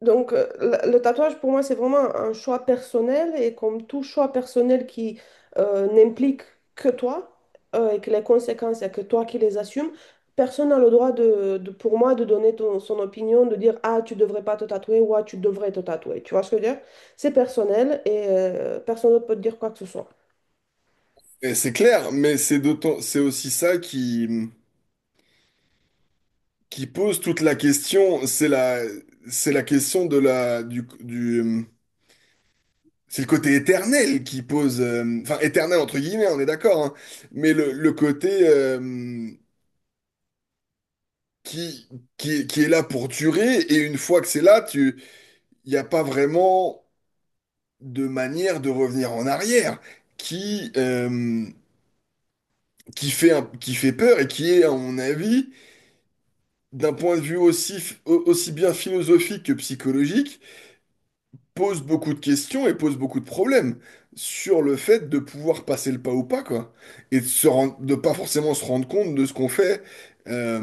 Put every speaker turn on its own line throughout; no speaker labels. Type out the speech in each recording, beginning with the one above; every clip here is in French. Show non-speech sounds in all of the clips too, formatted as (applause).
Donc, le tatouage, pour moi, c'est vraiment un choix personnel et comme tout choix personnel qui n'implique que toi et que les conséquences, c'est que toi qui les assumes, personne n'a le droit de, pour moi, de donner son opinion, de dire, ah, tu devrais pas te tatouer ou ah, tu devrais te tatouer. Tu vois ce que je veux dire? C'est personnel et personne d'autre peut te dire quoi que ce soit.
Et c'est clair, mais c'est d'autant, c'est aussi ça qui pose toute la question. C'est la question de la, du, c'est le côté éternel qui pose, enfin éternel entre guillemets, on est d'accord, hein, mais le côté qui, qui est là pour durer. Et une fois que c'est là, il n'y a pas vraiment de manière de revenir en arrière qui, euh, qui fait peur et qui est, à mon avis, d'un point de vue aussi bien philosophique que psychologique, pose beaucoup de questions et pose beaucoup de problèmes sur le fait de pouvoir passer le pas ou pas, quoi. Et de pas forcément se rendre compte de ce qu'on fait euh,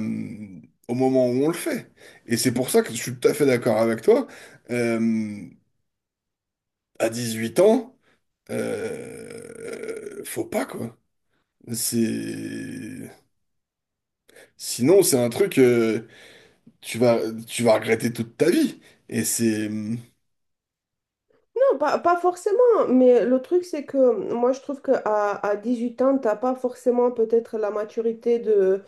au moment où on le fait. Et c'est pour ça que je suis tout à fait d'accord avec toi. Euh, à 8 ans, faut pas, quoi. C'est... Sinon, c'est un truc, tu vas, tu vas regretter toute ta vie. Et c'est...
Non, pas, pas forcément, mais le truc, c'est que moi, je trouve qu'à à 18 ans, t'as pas forcément peut-être la maturité de.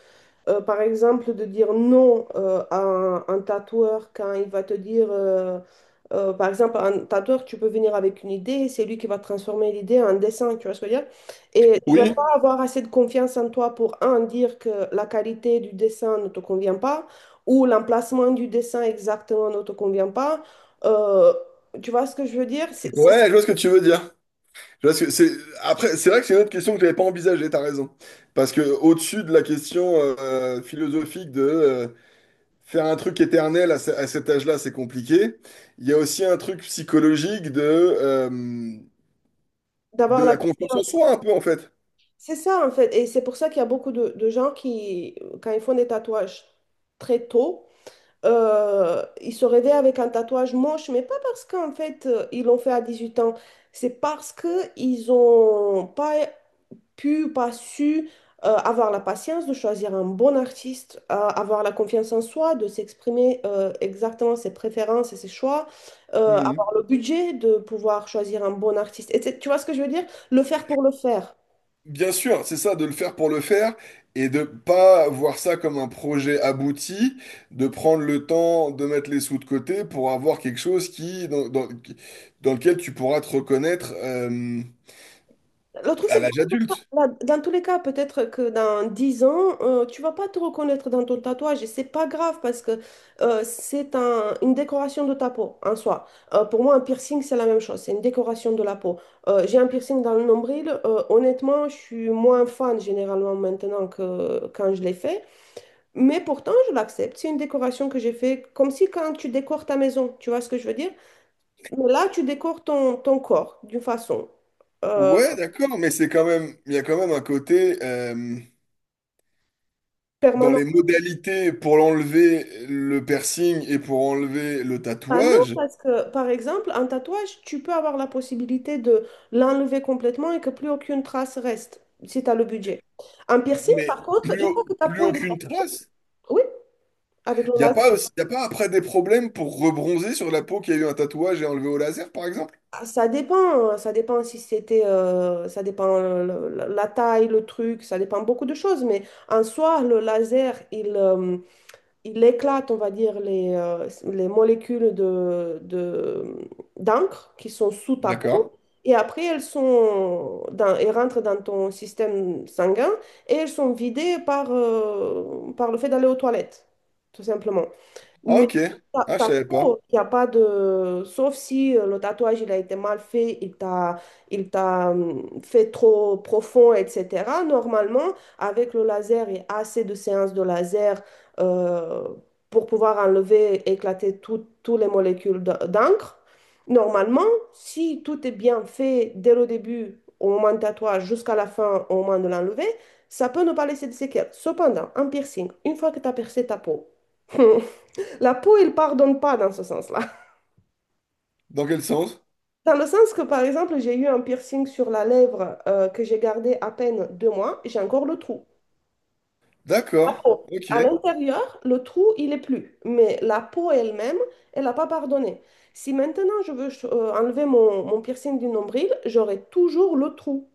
Par exemple, de dire non à un, tatoueur quand il va te dire, par exemple, un tatoueur, tu peux venir avec une idée, c'est lui qui va transformer l'idée en dessin, tu vois ce que je veux dire? Et tu vas
Oui,
pas avoir assez de confiance en toi pour, un, dire que la qualité du dessin ne te convient pas, ou l'emplacement du dessin exactement ne te convient pas. Euh, Tu vois ce que je veux dire? C'est ça.
ouais, je vois ce que tu veux dire. Je vois ce que c'est. Après, c'est vrai que c'est une autre question que j'avais pas envisagée, t'as raison. Parce que au-dessus de la question philosophique de faire un truc éternel à cet âge-là, c'est compliqué. Il y a aussi un truc psychologique de, euh,
D'avoir
de
la
la confiance en
confiance.
soi, un peu, en fait.
C'est ça, en fait. Et c'est pour ça qu'il y a beaucoup de gens qui, quand ils font des tatouages très tôt, ils se réveillent avec un tatouage moche, mais pas parce qu'en fait, ils l'ont fait à 18 ans. C'est parce qu'ils n'ont pas pu, pas su avoir la patience de choisir un bon artiste, avoir la confiance en soi, de s'exprimer exactement ses préférences et ses choix,
Hmm.
avoir le budget de pouvoir choisir un bon artiste. Tu vois ce que je veux dire? Le faire pour le faire.
Bien sûr, c'est ça, de le faire pour le faire et de pas voir ça comme un projet abouti, de prendre le temps de mettre les sous de côté pour avoir quelque chose qui, dans, dans- qui- dans lequel tu pourras te reconnaître
Le truc,
à
c'est que
l'âge adulte.
dans tous les cas, dans tous les cas, peut-être que dans 10 ans, tu vas pas te reconnaître dans ton tatouage et c'est pas grave parce que une décoration de ta peau en soi. Pour moi, un piercing, c'est la même chose, c'est une décoration de la peau. J'ai un piercing dans le nombril, honnêtement, je suis moins fan généralement maintenant que quand je l'ai fait, mais pourtant, je l'accepte. C'est une décoration que j'ai fait comme si quand tu décores ta maison, tu vois ce que je veux dire? Mais là, tu décores ton corps d'une façon euh,
Ouais, d'accord, mais c'est quand même, il y a quand même un côté dans les
permanente.
modalités pour l'enlever le piercing et pour enlever le
Ah non,
tatouage,
parce que par exemple, un tatouage, tu peux avoir la possibilité de l'enlever complètement et que plus aucune trace reste, si tu as le budget. Un piercing, par
mais
contre,
plus,
une fois que
au-
ta
plus
peau elle est.
aucune trace.
Oui, avec le
Il n'y a
laser.
pas aussi, y a pas après des problèmes pour rebronzer sur la peau qui a eu un tatouage et enlevé au laser, par exemple?
Ah, ça dépend si c'était, ça dépend la taille, le truc, ça dépend beaucoup de choses, mais en soi, le laser, il éclate, on va dire, les molécules de, d'encre qui sont sous ta
D'accord.
peau. Et après, elles rentrent dans ton système sanguin et elles sont vidées par le fait d'aller aux toilettes, tout simplement.
Ah,
Mais
ok.
ta,
Ah, je
ta
savais pas.
peau, il n'y a pas de. Sauf si le tatouage, il a été mal fait, il t'a fait trop profond, etc. Normalement, avec le laser et assez de séances de laser euh, pour pouvoir enlever, éclater toutes les molécules d'encre, normalement, si tout est bien fait dès le début, au moment du tatouage, jusqu'à la fin, au moment de l'enlever, ça peut ne pas laisser de séquelles. Cependant, un piercing, une fois que tu as percé ta peau. (laughs) La peau, elle pardonne pas dans ce sens-là.
Dans quel sens?
Dans le sens que, par exemple, j'ai eu un piercing sur la lèvre que j'ai gardé à peine 2 mois, j'ai encore le trou. La
D'accord.
peau.
Ok.
À l'intérieur, le trou, il est plus. Mais la peau elle-même, elle n'a pas pardonné. Si maintenant je veux enlever mon piercing du nombril, j'aurai toujours le trou.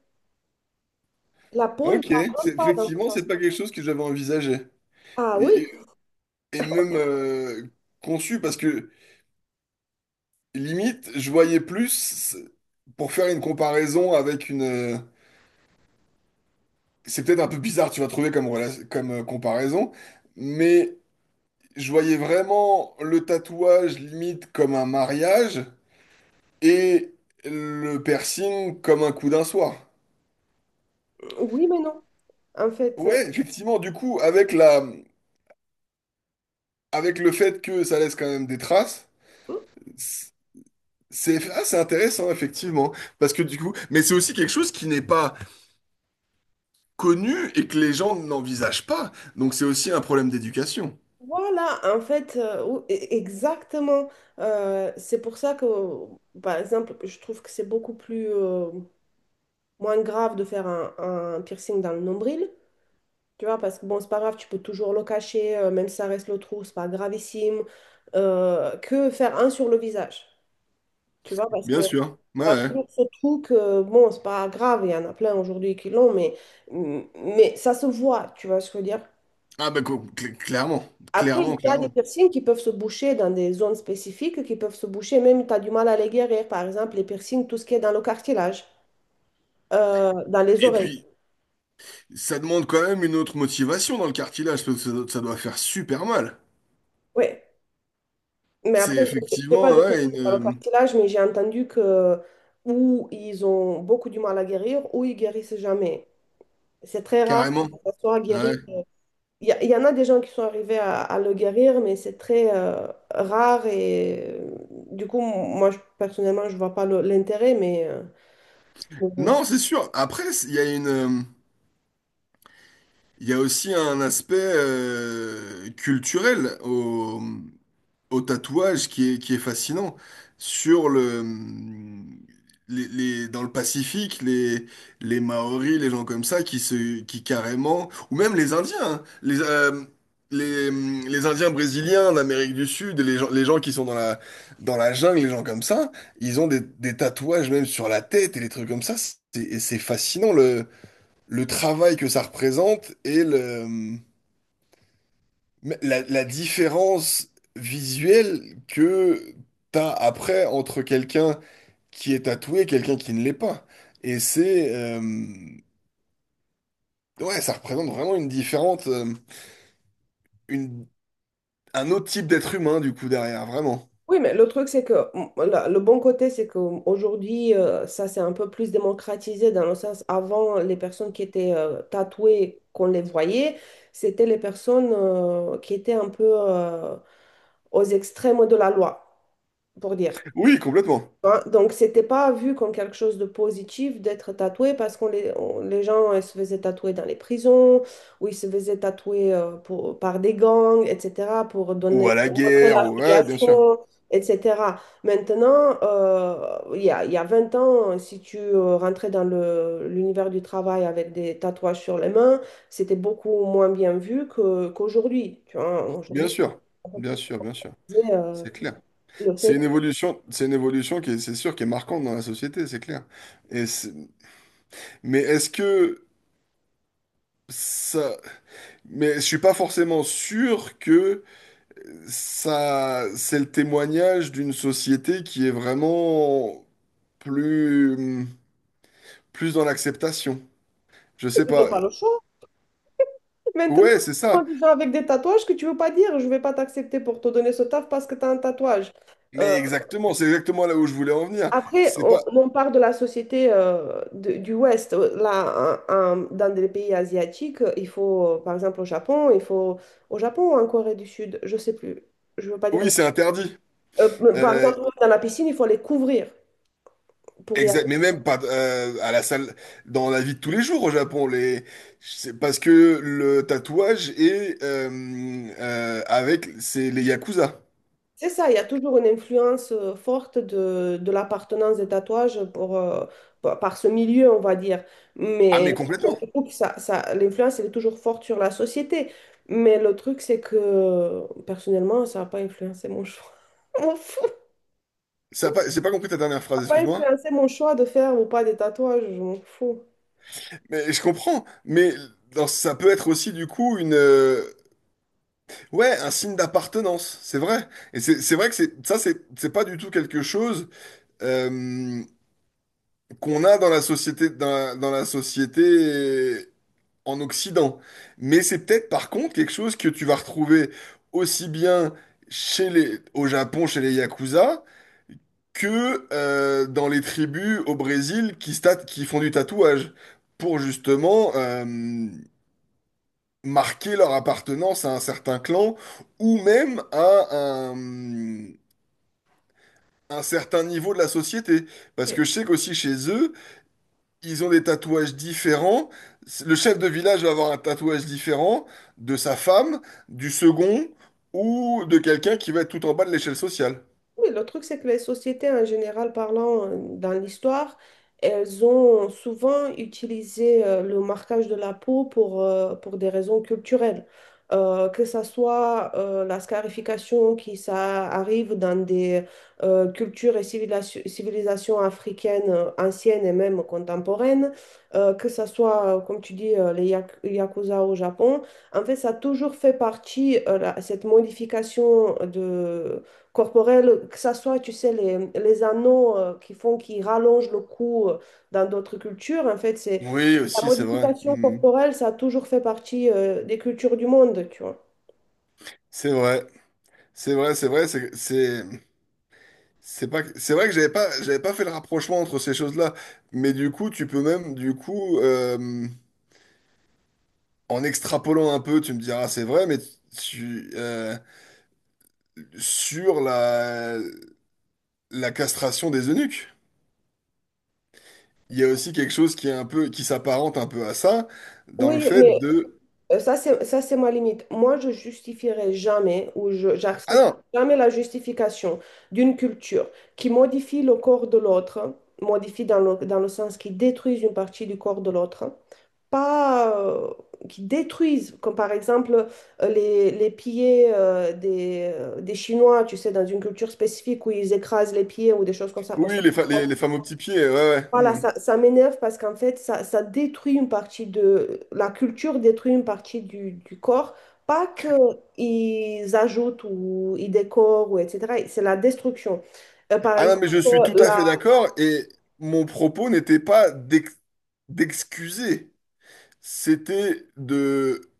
La peau, elle ne
Ok.
pardonne pas dans ce
Effectivement, c'est pas
sens-là.
quelque chose que j'avais envisagé.
Ah
Et,
oui,
et- et même conçu, parce que limite, je voyais plus, pour faire une comparaison avec une, c'est peut-être un peu bizarre, tu vas trouver comme comparaison, mais je voyais vraiment le tatouage limite comme un mariage et le piercing comme un coup d'un soir.
oui, mais non. En fait,
Ouais, effectivement, du coup, avec le fait que ça laisse quand même des traces,
hmm?
c'est intéressant, effectivement. Parce que du coup, mais c'est aussi quelque chose qui n'est pas connu et que les gens n'envisagent pas. Donc c'est aussi un problème d'éducation.
Voilà, en fait, exactement. C'est pour ça que, par exemple, je trouve que c'est beaucoup plus moins grave de faire un, piercing dans le nombril, tu vois, parce que bon, c'est pas grave, tu peux toujours le cacher, même si ça reste le trou, c'est pas gravissime, que faire un sur le visage, tu vois, parce que
Bien sûr.
on
Ouais.
a
Ouais.
toujours ce trou que, bon, c'est pas grave, il y en a plein aujourd'hui qui l'ont, mais ça se voit, tu vois ce que je veux dire.
Ah bah clairement,
Après, il
clairement,
y a des
clairement.
piercings qui peuvent se boucher dans des zones spécifiques, qui peuvent se boucher même tu as du mal à les guérir. Par exemple, les piercings, tout ce qui est dans le cartilage, dans les
Et
oreilles.
puis, ça demande quand même une autre motivation dans le cartilage, parce que ça doit faire super mal.
Oui. Mais
C'est
après, je n'ai
effectivement,
pas de
ouais,
piercing dans le cartilage, mais j'ai entendu que ou ils ont beaucoup du mal à guérir, ou ils guérissent jamais. C'est très rare que
carrément.
ça soit
Ouais.
guéri. Il y en a des gens qui sont arrivés à le guérir, mais c'est très rare. Et du coup, moi, personnellement, je vois pas l'intérêt, mais bon. Bon.
Non, c'est sûr. Après, il y a il y a aussi un aspect culturel au tatouage qui est, fascinant. Sur le, les- dans le Pacifique, les Maoris, les gens comme ça, qui carrément, ou même les Indiens, hein, les, les Indiens brésiliens d'Amérique du Sud, les gens qui sont dans la jungle, les gens comme ça, ils ont des tatouages même sur la tête et des trucs comme ça. Et c'est fascinant le travail que ça représente mais la différence visuelle que t'as après entre quelqu'un qui est tatoué et quelqu'un qui ne l'est pas. Et c'est... euh, ouais, ça représente vraiment une, un autre type d'être humain, du coup, derrière, vraiment.
Oui, mais le truc, c'est que le bon côté, c'est qu'aujourd'hui, ça c'est un peu plus démocratisé dans le sens, avant, les personnes qui étaient tatouées, qu'on les voyait, c'était les personnes qui étaient un peu aux extrêmes de la loi, pour dire.
Oui, complètement.
Hein, donc, c'était pas vu comme quelque chose de positif d'être tatoué parce que les gens ils se faisaient tatouer dans les prisons ou ils se faisaient tatouer pour, par des gangs, etc., pour
Ou
donner,
à la
pour montrer
guerre. Ouais, bien sûr.
l'affiliation, etc. Maintenant, il y a 20 ans, si tu rentrais dans l'univers du travail avec des tatouages sur les mains, c'était beaucoup moins bien vu qu'aujourd'hui. Tu vois,
Bien
aujourd'hui,
sûr.
on peut
Bien
plus
sûr, bien sûr.
dire,
C'est clair.
le
C'est
fait
une évolution qui est, c'est sûr, qui est marquante dans la société, c'est clair. Et c'est- mais est-ce que ça... Mais je suis pas forcément sûr que ça, c'est le témoignage d'une société qui est vraiment plus, plus dans l'acceptation. Je sais
que tu n'as
pas.
pas le choix. Maintenant,
Ouais, c'est
moi,
ça.
déjà avec des tatouages que tu veux pas dire, je vais pas t'accepter pour te donner ce taf parce que tu as un tatouage. Euh,
Mais exactement, c'est exactement là où je voulais en venir.
Après,
C'est pas.
on part de la société du Ouest. Là, dans des pays asiatiques, par exemple, au Japon, au Japon ou en Corée du Sud, je sais plus. Je veux pas dire.
Oui,
des-
c'est interdit.
Euh, par
Euh,
exemple, dans la piscine, il faut les couvrir pour y.
exact. Mais même pas à la salle, dans la vie de tous les jours au Japon, les. C'est parce que le tatouage est avec, c'est les yakuza.
C'est ça, il y a toujours une influence forte de l'appartenance des tatouages pour, par par ce milieu, on va dire.
Ah mais
Mais donc,
complètement.
du coup, l'influence, elle est toujours forte sur la société. Mais le truc, c'est que personnellement, ça n'a pas influencé mon choix. (laughs) Je m'en fous.
Ça a pas- j'ai pas compris ta dernière
Ça
phrase,
n'a pas
excuse-moi.
influencé mon choix de faire ou pas des tatouages, je m'en fous.
Mais je comprends, mais ça peut être aussi du coup ouais, un signe d'appartenance, c'est vrai. Et c'est vrai que c'est ça, c'est pas du tout quelque chose euh, qu'on a dans la société, dans la société en Occident. Mais c'est peut-être par contre quelque chose que tu vas retrouver aussi bien au Japon, chez les Yakuza, que dans les tribus au Brésil qui font du tatouage, pour justement marquer leur appartenance à un certain clan ou même à un certain niveau de la société. Parce que je sais qu'aussi chez eux, ils ont des tatouages différents. Le chef de village va avoir un tatouage différent de sa femme, du second ou de quelqu'un qui va être tout en bas de l'échelle sociale.
Oui, le truc, c'est que les sociétés, en général parlant, dans l'histoire, elles ont souvent utilisé le marquage de la peau pour des raisons culturelles. Que ça soit la scarification qui ça arrive dans des cultures et civilisations africaines anciennes et même contemporaines, que ça soit, comme tu dis, les yakuza au Japon. En fait, ça a toujours fait partie, cette modification corporelle, que ça soit, tu sais, les anneaux qui font, qui rallongent le cou dans d'autres cultures. En fait, c'est
Oui,
la
aussi, c'est vrai.
modification
Mm.
corporelle, ça a toujours fait partie des cultures du monde, tu vois.
C'est vrai. C'est vrai, c'est vrai. C'est pas, c'est vrai que j'avais pas fait le rapprochement entre ces choses-là. Mais du coup, tu peux même, du coup, en extrapolant un peu, tu me diras, c'est vrai, mais tu, euh, sur la castration des eunuques. Il y a aussi quelque chose qui est un peu, qui s'apparente un peu à ça, dans le
Oui,
fait
mais
de...
ça, c'est ma limite. Moi, je justifierai jamais ou
Ah
j'accepte
non!
jamais la justification d'une culture qui modifie le corps de l'autre, modifie dans dans le sens qui détruit une partie du corps de l'autre, pas, qui détruisent, comme par exemple les pieds des Chinois, tu sais, dans une culture spécifique où ils écrasent les pieds ou des choses comme ça. Moi,
Oui, les, fa-
ça-
les, les femmes aux petits pieds, ouais, ouais.
voilà,
Hmm.
ça m'énerve parce qu'en fait, ça détruit une partie de. La culture détruit une partie du corps. Pas qu'ils ajoutent ou ils décorent ou etc. C'est la destruction. Par
Ah non,
exemple,
mais je suis tout à fait d'accord, et mon propos n'était pas d'excuser, c'était de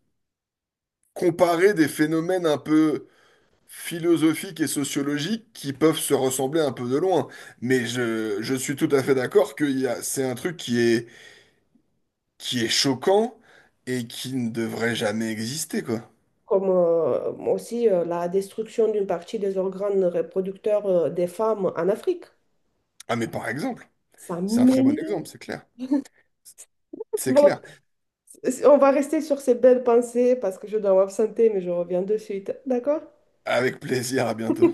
comparer des phénomènes un peu philosophiques et sociologiques qui peuvent se ressembler un peu de loin. Mais je suis tout à fait d'accord que c'est un truc qui est, choquant et qui ne devrait jamais exister, quoi.
comme aussi la destruction d'une partie des organes reproducteurs des femmes en Afrique.
Ah mais par exemple,
Ça
c'est un très bon
m'énerve.
exemple, c'est clair. C'est
Bon,
clair.
on va rester sur ces belles pensées parce que je dois m'absenter, mais je reviens de suite. D'accord?
Avec plaisir, à bientôt.